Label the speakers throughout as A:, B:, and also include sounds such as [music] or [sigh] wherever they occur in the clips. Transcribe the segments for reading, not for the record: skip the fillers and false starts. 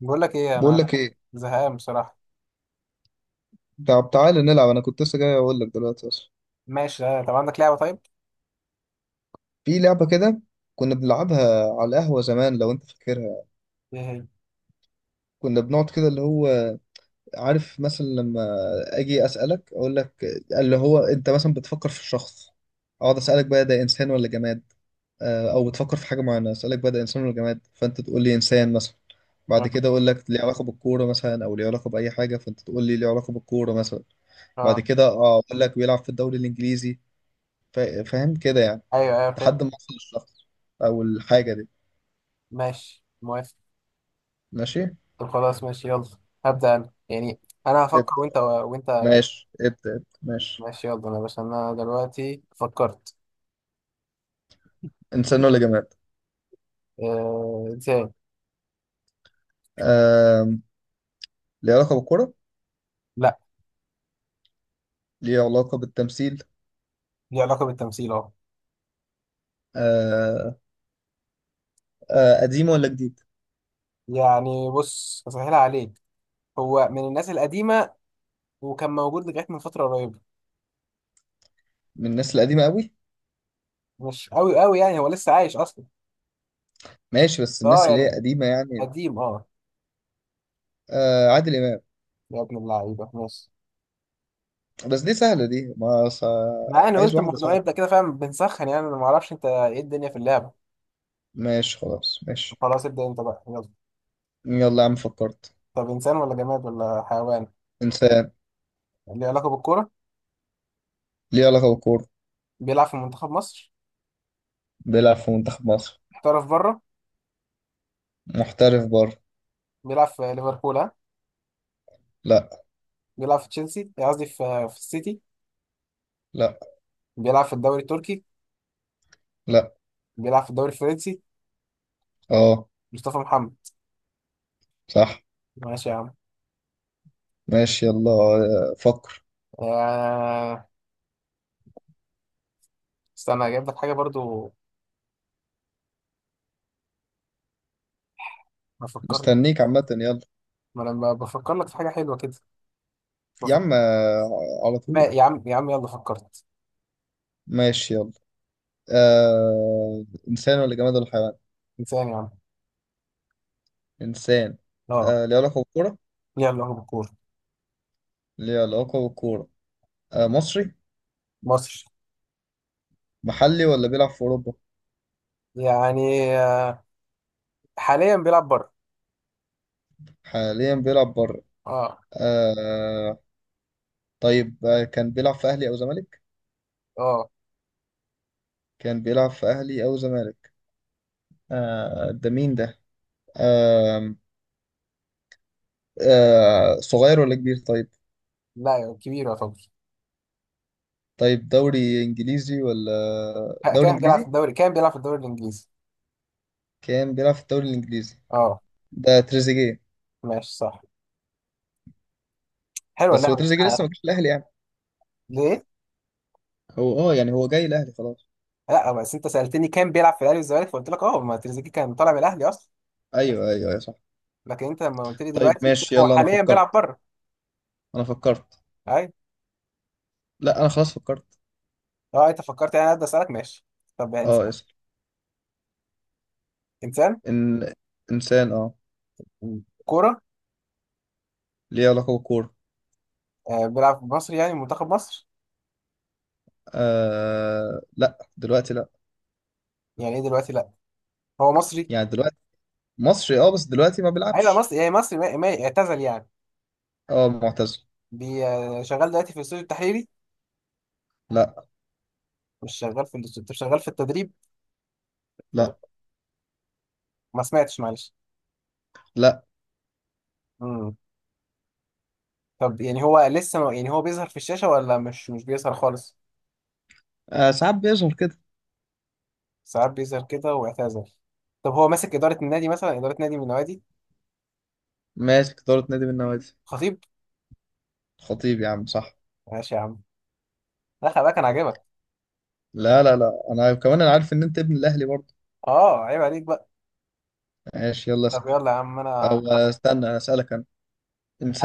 A: بقول لك ايه؟
B: بقول
A: انا
B: لك ايه.
A: زهقان بصراحه.
B: طب تعالى نلعب، انا كنت لسه جاي اقول لك دلوقتي اصلا.
A: ماشي طب عندك لعبه؟ طيب.
B: في لعبه كده كنا بنلعبها على القهوه زمان لو انت فاكرها.
A: [laughs] ايه هي؟
B: كنا بنقعد كده اللي هو عارف مثلا لما اجي اسالك اقول لك اللي هو انت مثلا بتفكر في الشخص، اقعد اسالك بقى ده انسان ولا جماد. او بتفكر في حاجه معينه اسالك بقى ده انسان ولا جماد، فانت تقول لي انسان مثلا. بعد
A: اه.
B: كده اقول لك ليه علاقه بالكوره مثلا او ليه علاقه باي حاجه، فانت تقول لي ليه علاقه بالكوره مثلا. بعد
A: آه.
B: كده اقول لك بيلعب في الدوري الانجليزي. فاهم كده يعني.
A: ايوه ايوه، فهمت.
B: لحد ما اوصل للشخص او الحاجه دي.
A: ماشي، موافق.
B: ماشي.
A: طب خلاص، ماشي، يلا. هبدا انا يعني. انا هفكر
B: ابدا
A: وانت كده.
B: ماشي. ابدا ابدا ماشي.
A: ماشي يلا. انا بس انا دلوقتي فكرت.
B: انسان ولا جماد؟
A: انسان.
B: آم، ليه علاقه بالكره؟
A: لا.
B: ليه علاقه بالتمثيل؟
A: ليه علاقه بالتمثيل اهو.
B: آه. قديم ولا جديد؟
A: يعني بص، هسهلها عليك. هو من الناس القديمه وكان موجود لغايه من فتره قريبه.
B: من الناس القديمه قوي؟
A: مش قوي قوي، يعني هو لسه عايش اصلا.
B: ماشي، بس
A: اه
B: الناس اللي هي
A: يعني.
B: قديمه يعني.
A: قديم، اه.
B: عادل امام.
A: يا ابن اللعيبه، ماشي.
B: بس دي سهله، دي ما ص...
A: ما انا
B: عايز
A: قلت
B: واحده
A: الموضوع
B: صعبه.
A: يبدا كده، فاهم؟ بنسخن يعني، انا ما اعرفش انت ايه الدنيا في اللعبه.
B: ماشي خلاص ماشي.
A: خلاص، ابدا انت بقى، يلا.
B: يلا يا عم فكرت.
A: طب انسان ولا جماد ولا حيوان؟
B: انسان.
A: اللي علاقه بالكوره.
B: ليه علاقه بالكوره.
A: بيلعب في منتخب مصر.
B: بيلعب في منتخب مصر.
A: احترف بره.
B: محترف بره.
A: بيلعب في ليفربول؟ ها.
B: لا.
A: بيلعب في تشيلسي، قصدي في السيتي.
B: لا.
A: بيلعب في الدوري التركي.
B: لا.
A: بيلعب في الدوري الفرنسي.
B: اه
A: مصطفى محمد.
B: صح.
A: ماشي يا عم.
B: ماشي يلا. فكر.
A: آه... استنى اجيب لك حاجه برضو. بفكر.
B: مستنيك عامة يلا.
A: ما انا بفكر لك في حاجه حلوه كده.
B: يا
A: بفكر.
B: عم، على
A: ما
B: طول.
A: يا عم، يا عم، يلا فكرت.
B: ماشي يلا. إنسان ولا جماد ولا حيوان؟
A: انسان يا عم.
B: إنسان.
A: اه.
B: ليه علاقة بالكورة؟
A: يلا، هو بالكوره.
B: ليه علاقة بالكورة. مصري.
A: مصر.
B: محلي ولا بيلعب في أوروبا؟
A: يعني حاليا بيلعب بره.
B: حاليا بيلعب بره.
A: اه.
B: آه... طيب كان بيلعب في أهلي أو زمالك؟
A: اه.
B: كان بيلعب في أهلي أو زمالك. ده مين ده؟ آه... صغير ولا كبير طيب؟
A: لا، كبير يعتبر.
B: طيب، دوري إنجليزي ولا دوري
A: كان بيلعب في
B: إنجليزي؟
A: الدوري، كان بيلعب في الدوري الانجليزي.
B: كان بيلعب في الدوري الانجليزي.
A: اه.
B: ده تريزيجيه.
A: ماشي صح. حلوه
B: بس هو
A: اللعبه دي.
B: تريزيجيه لسه ما جاش الاهلي يعني.
A: ليه؟
B: هو اه يعني هو جاي الاهلي خلاص.
A: لا بس انت سالتني كان بيلعب في الاهلي والزمالك، فقلت لك اه، ما تريزيجيه كان طالع من الاهلي اصلا.
B: ايوه ايوه يا صح.
A: لكن انت لما قلت لي
B: طيب
A: دلوقتي، قلت
B: ماشي
A: لك هو
B: يلا، انا
A: حاليا بيلعب
B: فكرت.
A: بره.
B: انا فكرت.
A: ايوه.
B: لا، انا خلاص فكرت.
A: اه انت فكرت يعني، انا اسالك، ماشي. طب يعني انسان.
B: اه اسال.
A: انسان.
B: ان انسان اه.
A: كوره.
B: ليه علاقه بالكوره.
A: بيلعب في مصر، يعني منتخب مصر.
B: آه لا، دلوقتي لا.
A: يعني ايه دلوقتي لا؟ هو مصري.
B: يعني دلوقتي. مصري اه، بس دلوقتي ما
A: ايوه
B: بيلعبش.
A: مصري، يعني مصري اعتزل يعني.
B: اه، معتزل.
A: شغال دلوقتي في الاستوديو التحليلي.
B: لا.
A: مش شغال في الاندستري؟ طب شغال في التدريب؟
B: لا.
A: ما سمعتش، معلش.
B: لا.
A: امم طب يعني هو لسه يعني هو بيظهر في الشاشة ولا مش بيظهر خالص؟
B: آه، ساعات بيظهر كده.
A: ساعات بيظهر كده واعتزل. طب هو ماسك إدارة النادي مثلا؟ إدارة نادي من النوادي.
B: ماسك اداره نادي من النوادي.
A: خطيب.
B: خطيب يا عم صح.
A: ماشي يا عم. لا خلي بالك، أنا عاجبك.
B: لا لا لا، انا كمان انا عارف ان انت ابن الاهلي برضه.
A: أه عيب عليك بقى.
B: ماشي يلا
A: طب
B: اسال.
A: يلا يا عم أنا.
B: او استنى اسالك انا.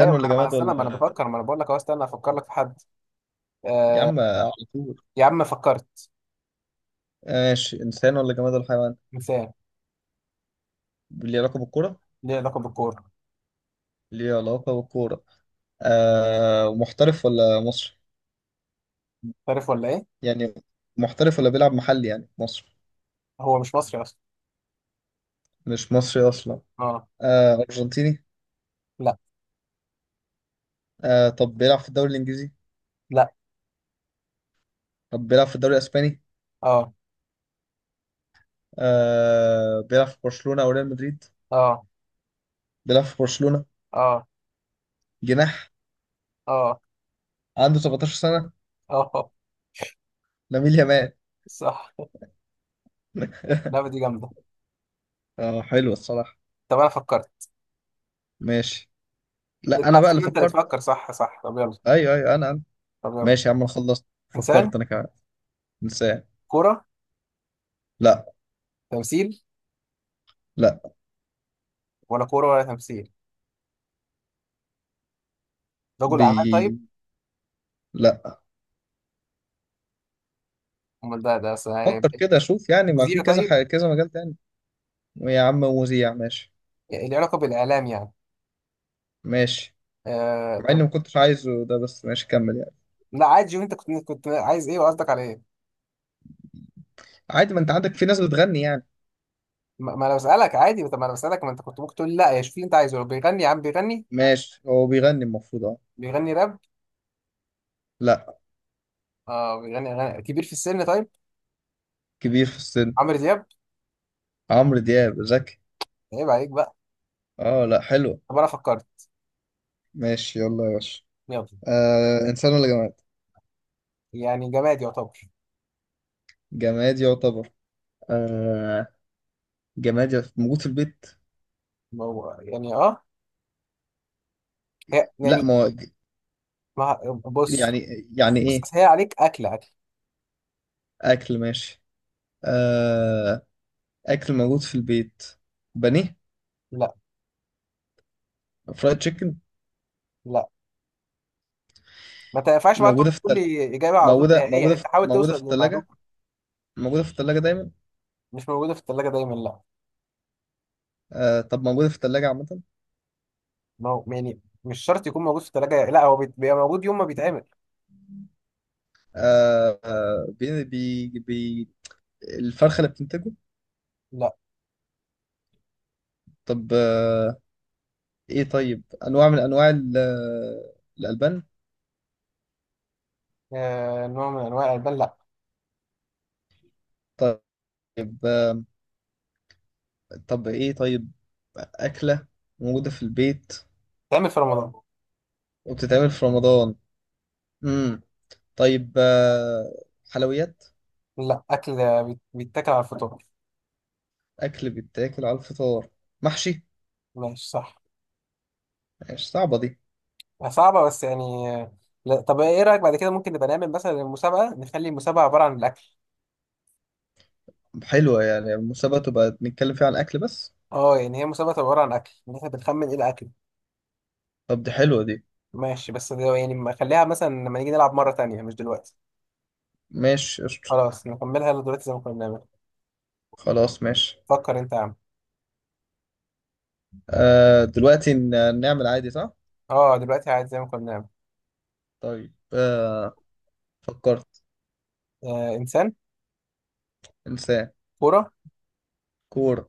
A: أيوة، ما
B: ولا
A: أنا ما أنا
B: جماد
A: استنى، ما أنا
B: ولا.
A: بفكر، ما أنا بقول لك أهو، استنى أفكر لك في حد.
B: يا
A: آه...
B: عم على طول.
A: يا عم فكرت.
B: ماشي، انسان ولا جماد ولا حيوان.
A: مثال.
B: ليه علاقه بالكوره.
A: ليه علاقة بالكورة.
B: ليه علاقه بالكوره. آه، محترف ولا مصري؟
A: عارف ولا إيه؟
B: يعني محترف ولا بيلعب محلي، يعني مصري.
A: هو مش مصري أصلا.
B: مش مصري اصلا.
A: أه.
B: آه، ارجنتيني.
A: لا.
B: آه، طب بيلعب في الدوري الانجليزي.
A: لا.
B: طب بيلعب في الدوري الاسباني.
A: أه.
B: آه، بيلعب في برشلونه او ريال مدريد.
A: أه.
B: بيلعب في برشلونه.
A: أه.
B: جناح.
A: أه.
B: عنده 17 سنه.
A: أه.
B: لامين يامال.
A: صح. اللعبة
B: [laughs]
A: دي جامدة.
B: اه حلو الصراحه.
A: طب أنا فكرت.
B: ماشي.
A: إيه ده؟
B: لا،
A: لا
B: انا بقى اللي
A: استنى، أنت اللي
B: فكرت.
A: تفكر. صح صح، طب يلا.
B: ايوه ايوه، انا.
A: طب يلا.
B: ماشي يا عم، انا خلصت
A: إنسان.
B: فكرت انا كمان. انسان.
A: كورة.
B: لا.
A: تمثيل.
B: لا.
A: ولا كورة ولا تمثيل. رجل
B: بي.
A: أعمال طيب.
B: لا.
A: أمال ده ده أصل هيبقى
B: فكر
A: إيه؟
B: كده شوف، يعني ما في
A: مذيع
B: كذا
A: طيب.
B: حاجة كذا مجال تاني. يا عم مذيع ماشي.
A: اللي علاقة بالإعلام يعني.
B: ماشي.
A: آه
B: مع اني
A: طب.
B: ما كنتش عايزه ده، بس ماشي كمل يعني.
A: لا عادي، شوف أنت كنت عايز إيه وقصدك على إيه.
B: عادي، ما انت عندك في ناس بتغني يعني.
A: ما أنا بسألك عادي، طب ما أنا بسألك، ما أنت كنت ممكن تقول لي لا يا شوف اللي أنت عايزه، بيغني يا عم، بيغني.
B: ماشي، هو بيغني المفروض اه.
A: بيغني راب؟
B: لا.
A: اه بيغني أغاني. كبير في السن طيب.
B: كبير في السن.
A: عمرو دياب.
B: عمرو دياب؟ ذكي.
A: عيب عليك بقى.
B: اه لا حلوة.
A: طب أنا فكرت.
B: ماشي يلا يا باشا.
A: يلا.
B: آه، انسان ولا جماد؟
A: يعني جماد يعتبر.
B: جماد يعتبر. آه، موجود في البيت.
A: ما هو- يعني اه. هي
B: لا.
A: يعني.
B: ما هو
A: ما بص.
B: يعني. يعني
A: بص
B: ايه؟
A: أصل هي عليك، اكل. اكل.
B: اكل ماشي. آه، اكل موجود في البيت. بانيه.
A: لا.
B: فرايد تشيكن.
A: لا، ما تنفعش بقى
B: موجوده
A: تقعد
B: في
A: تقول
B: التل...
A: لي اجابه على طول نهائيه، انت حاول
B: موجوده
A: توصل
B: في
A: للمعلومه.
B: الثلاجه. موجوده في الثلاجه دايما.
A: مش موجوده في الثلاجه دايما، لا.
B: آه، طب موجوده في الثلاجه عامه.
A: ما هو يعني مش شرط يكون موجود في الثلاجه، لا هو بيبقى موجود يوم ما بيتعمل.
B: آه آه، بي... بي... بي... الفرخه اللي بتنتجه.
A: لا.
B: طب آه. ايه طيب، انواع من انواع الالبان.
A: آه نوع من انواع الالبان، لا.
B: طيب طب ايه طيب. اكله موجوده في البيت
A: بيتعمل في رمضان.
B: وبتتعمل في رمضان. مم. طيب حلويات.
A: لا اكل. بيتاكل على الفطار.
B: أكل بيتاكل على الفطار. محشي.
A: ماشي صح.
B: مش صعبة دي.
A: صعبه بس يعني لا. طب ايه رايك بعد كده ممكن نبقى نعمل مثلا المسابقه، نخلي المسابقه عباره عن الاكل.
B: طب حلوة، يعني المسابقة تبقى بنتكلم فيها على الأكل بس.
A: اه يعني هي مسابقه تبقى عباره عن اكل، ان احنا بنخمن ايه الاكل.
B: طب دي حلوة دي.
A: ماشي بس ده يعني، ما خليها مثلا لما نيجي نلعب مرة تانية، مش دلوقتي.
B: ماشي قشطة.
A: خلاص نكملها دلوقتي زي ما كنا بنعمل.
B: خلاص ماشي.
A: فكر انت يا عم.
B: آه دلوقتي نعمل عادي صح؟
A: اه دلوقتي عادي، زي ما كنا بنعمل.
B: طيب آه، فكرت.
A: آه انسان.
B: إنسان.
A: كورة.
B: كورة.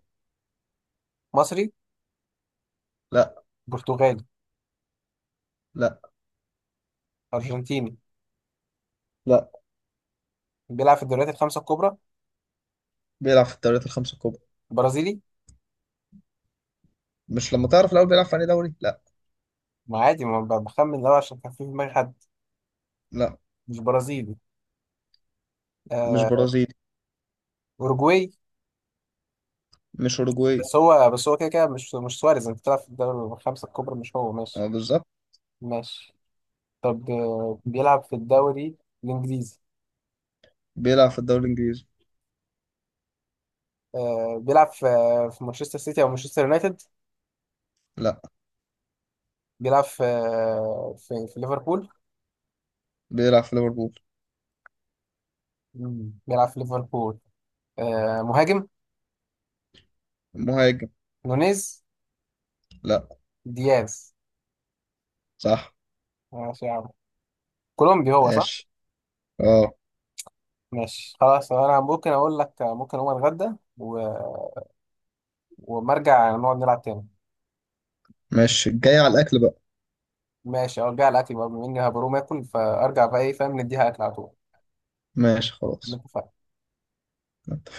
A: مصري.
B: لا.
A: برتغالي.
B: لا.
A: ارجنتيني.
B: لا.
A: بيلعب في الدوريات الخمسة الكبرى.
B: بيلعب في الدوريات الخمسة الكبرى.
A: برازيلي.
B: مش لما تعرف الأول بيلعب في أي دوري؟ لا.
A: ما عادي، ما بخمن لو عشان كان في في دماغي حد.
B: لا،
A: مش برازيلي.
B: مش
A: آه.
B: برازيلي.
A: اوروجواي.
B: مش أوروجواي.
A: بس هو كده كده، مش سواريز؟ انت بتلعب في الدوري الخمسة الكبرى، مش هو؟ ماشي.
B: اه بالظبط.
A: ماشي. طب بيلعب في الدوري الانجليزي.
B: بيلعب في الدوري الإنجليزي.
A: بيلعب في في مانشستر سيتي او مانشستر يونايتد.
B: لا.
A: بيلعب في في ليفربول.
B: بيلعب في ليفربول.
A: مم. بيلعب في ليفربول. مهاجم.
B: مهاجم.
A: نونيز.
B: لا.
A: دياز.
B: صح.
A: ماشي يا عم. كولومبي هو، صح.
B: ماشي. اه.
A: ماشي خلاص. انا ممكن اقول لك، ممكن اقوم اتغدى و... وما ارجع نقعد نلعب تاني.
B: ماشي، جاي على الأكل بقى.
A: ماشي ارجع الاكل بقى، بما اني هبقى اقوم اكل فارجع بقى، ايه فاهم؟ نديها اكل على طول.
B: ماشي خلاص.
A: نتفق.
B: اتفقنا.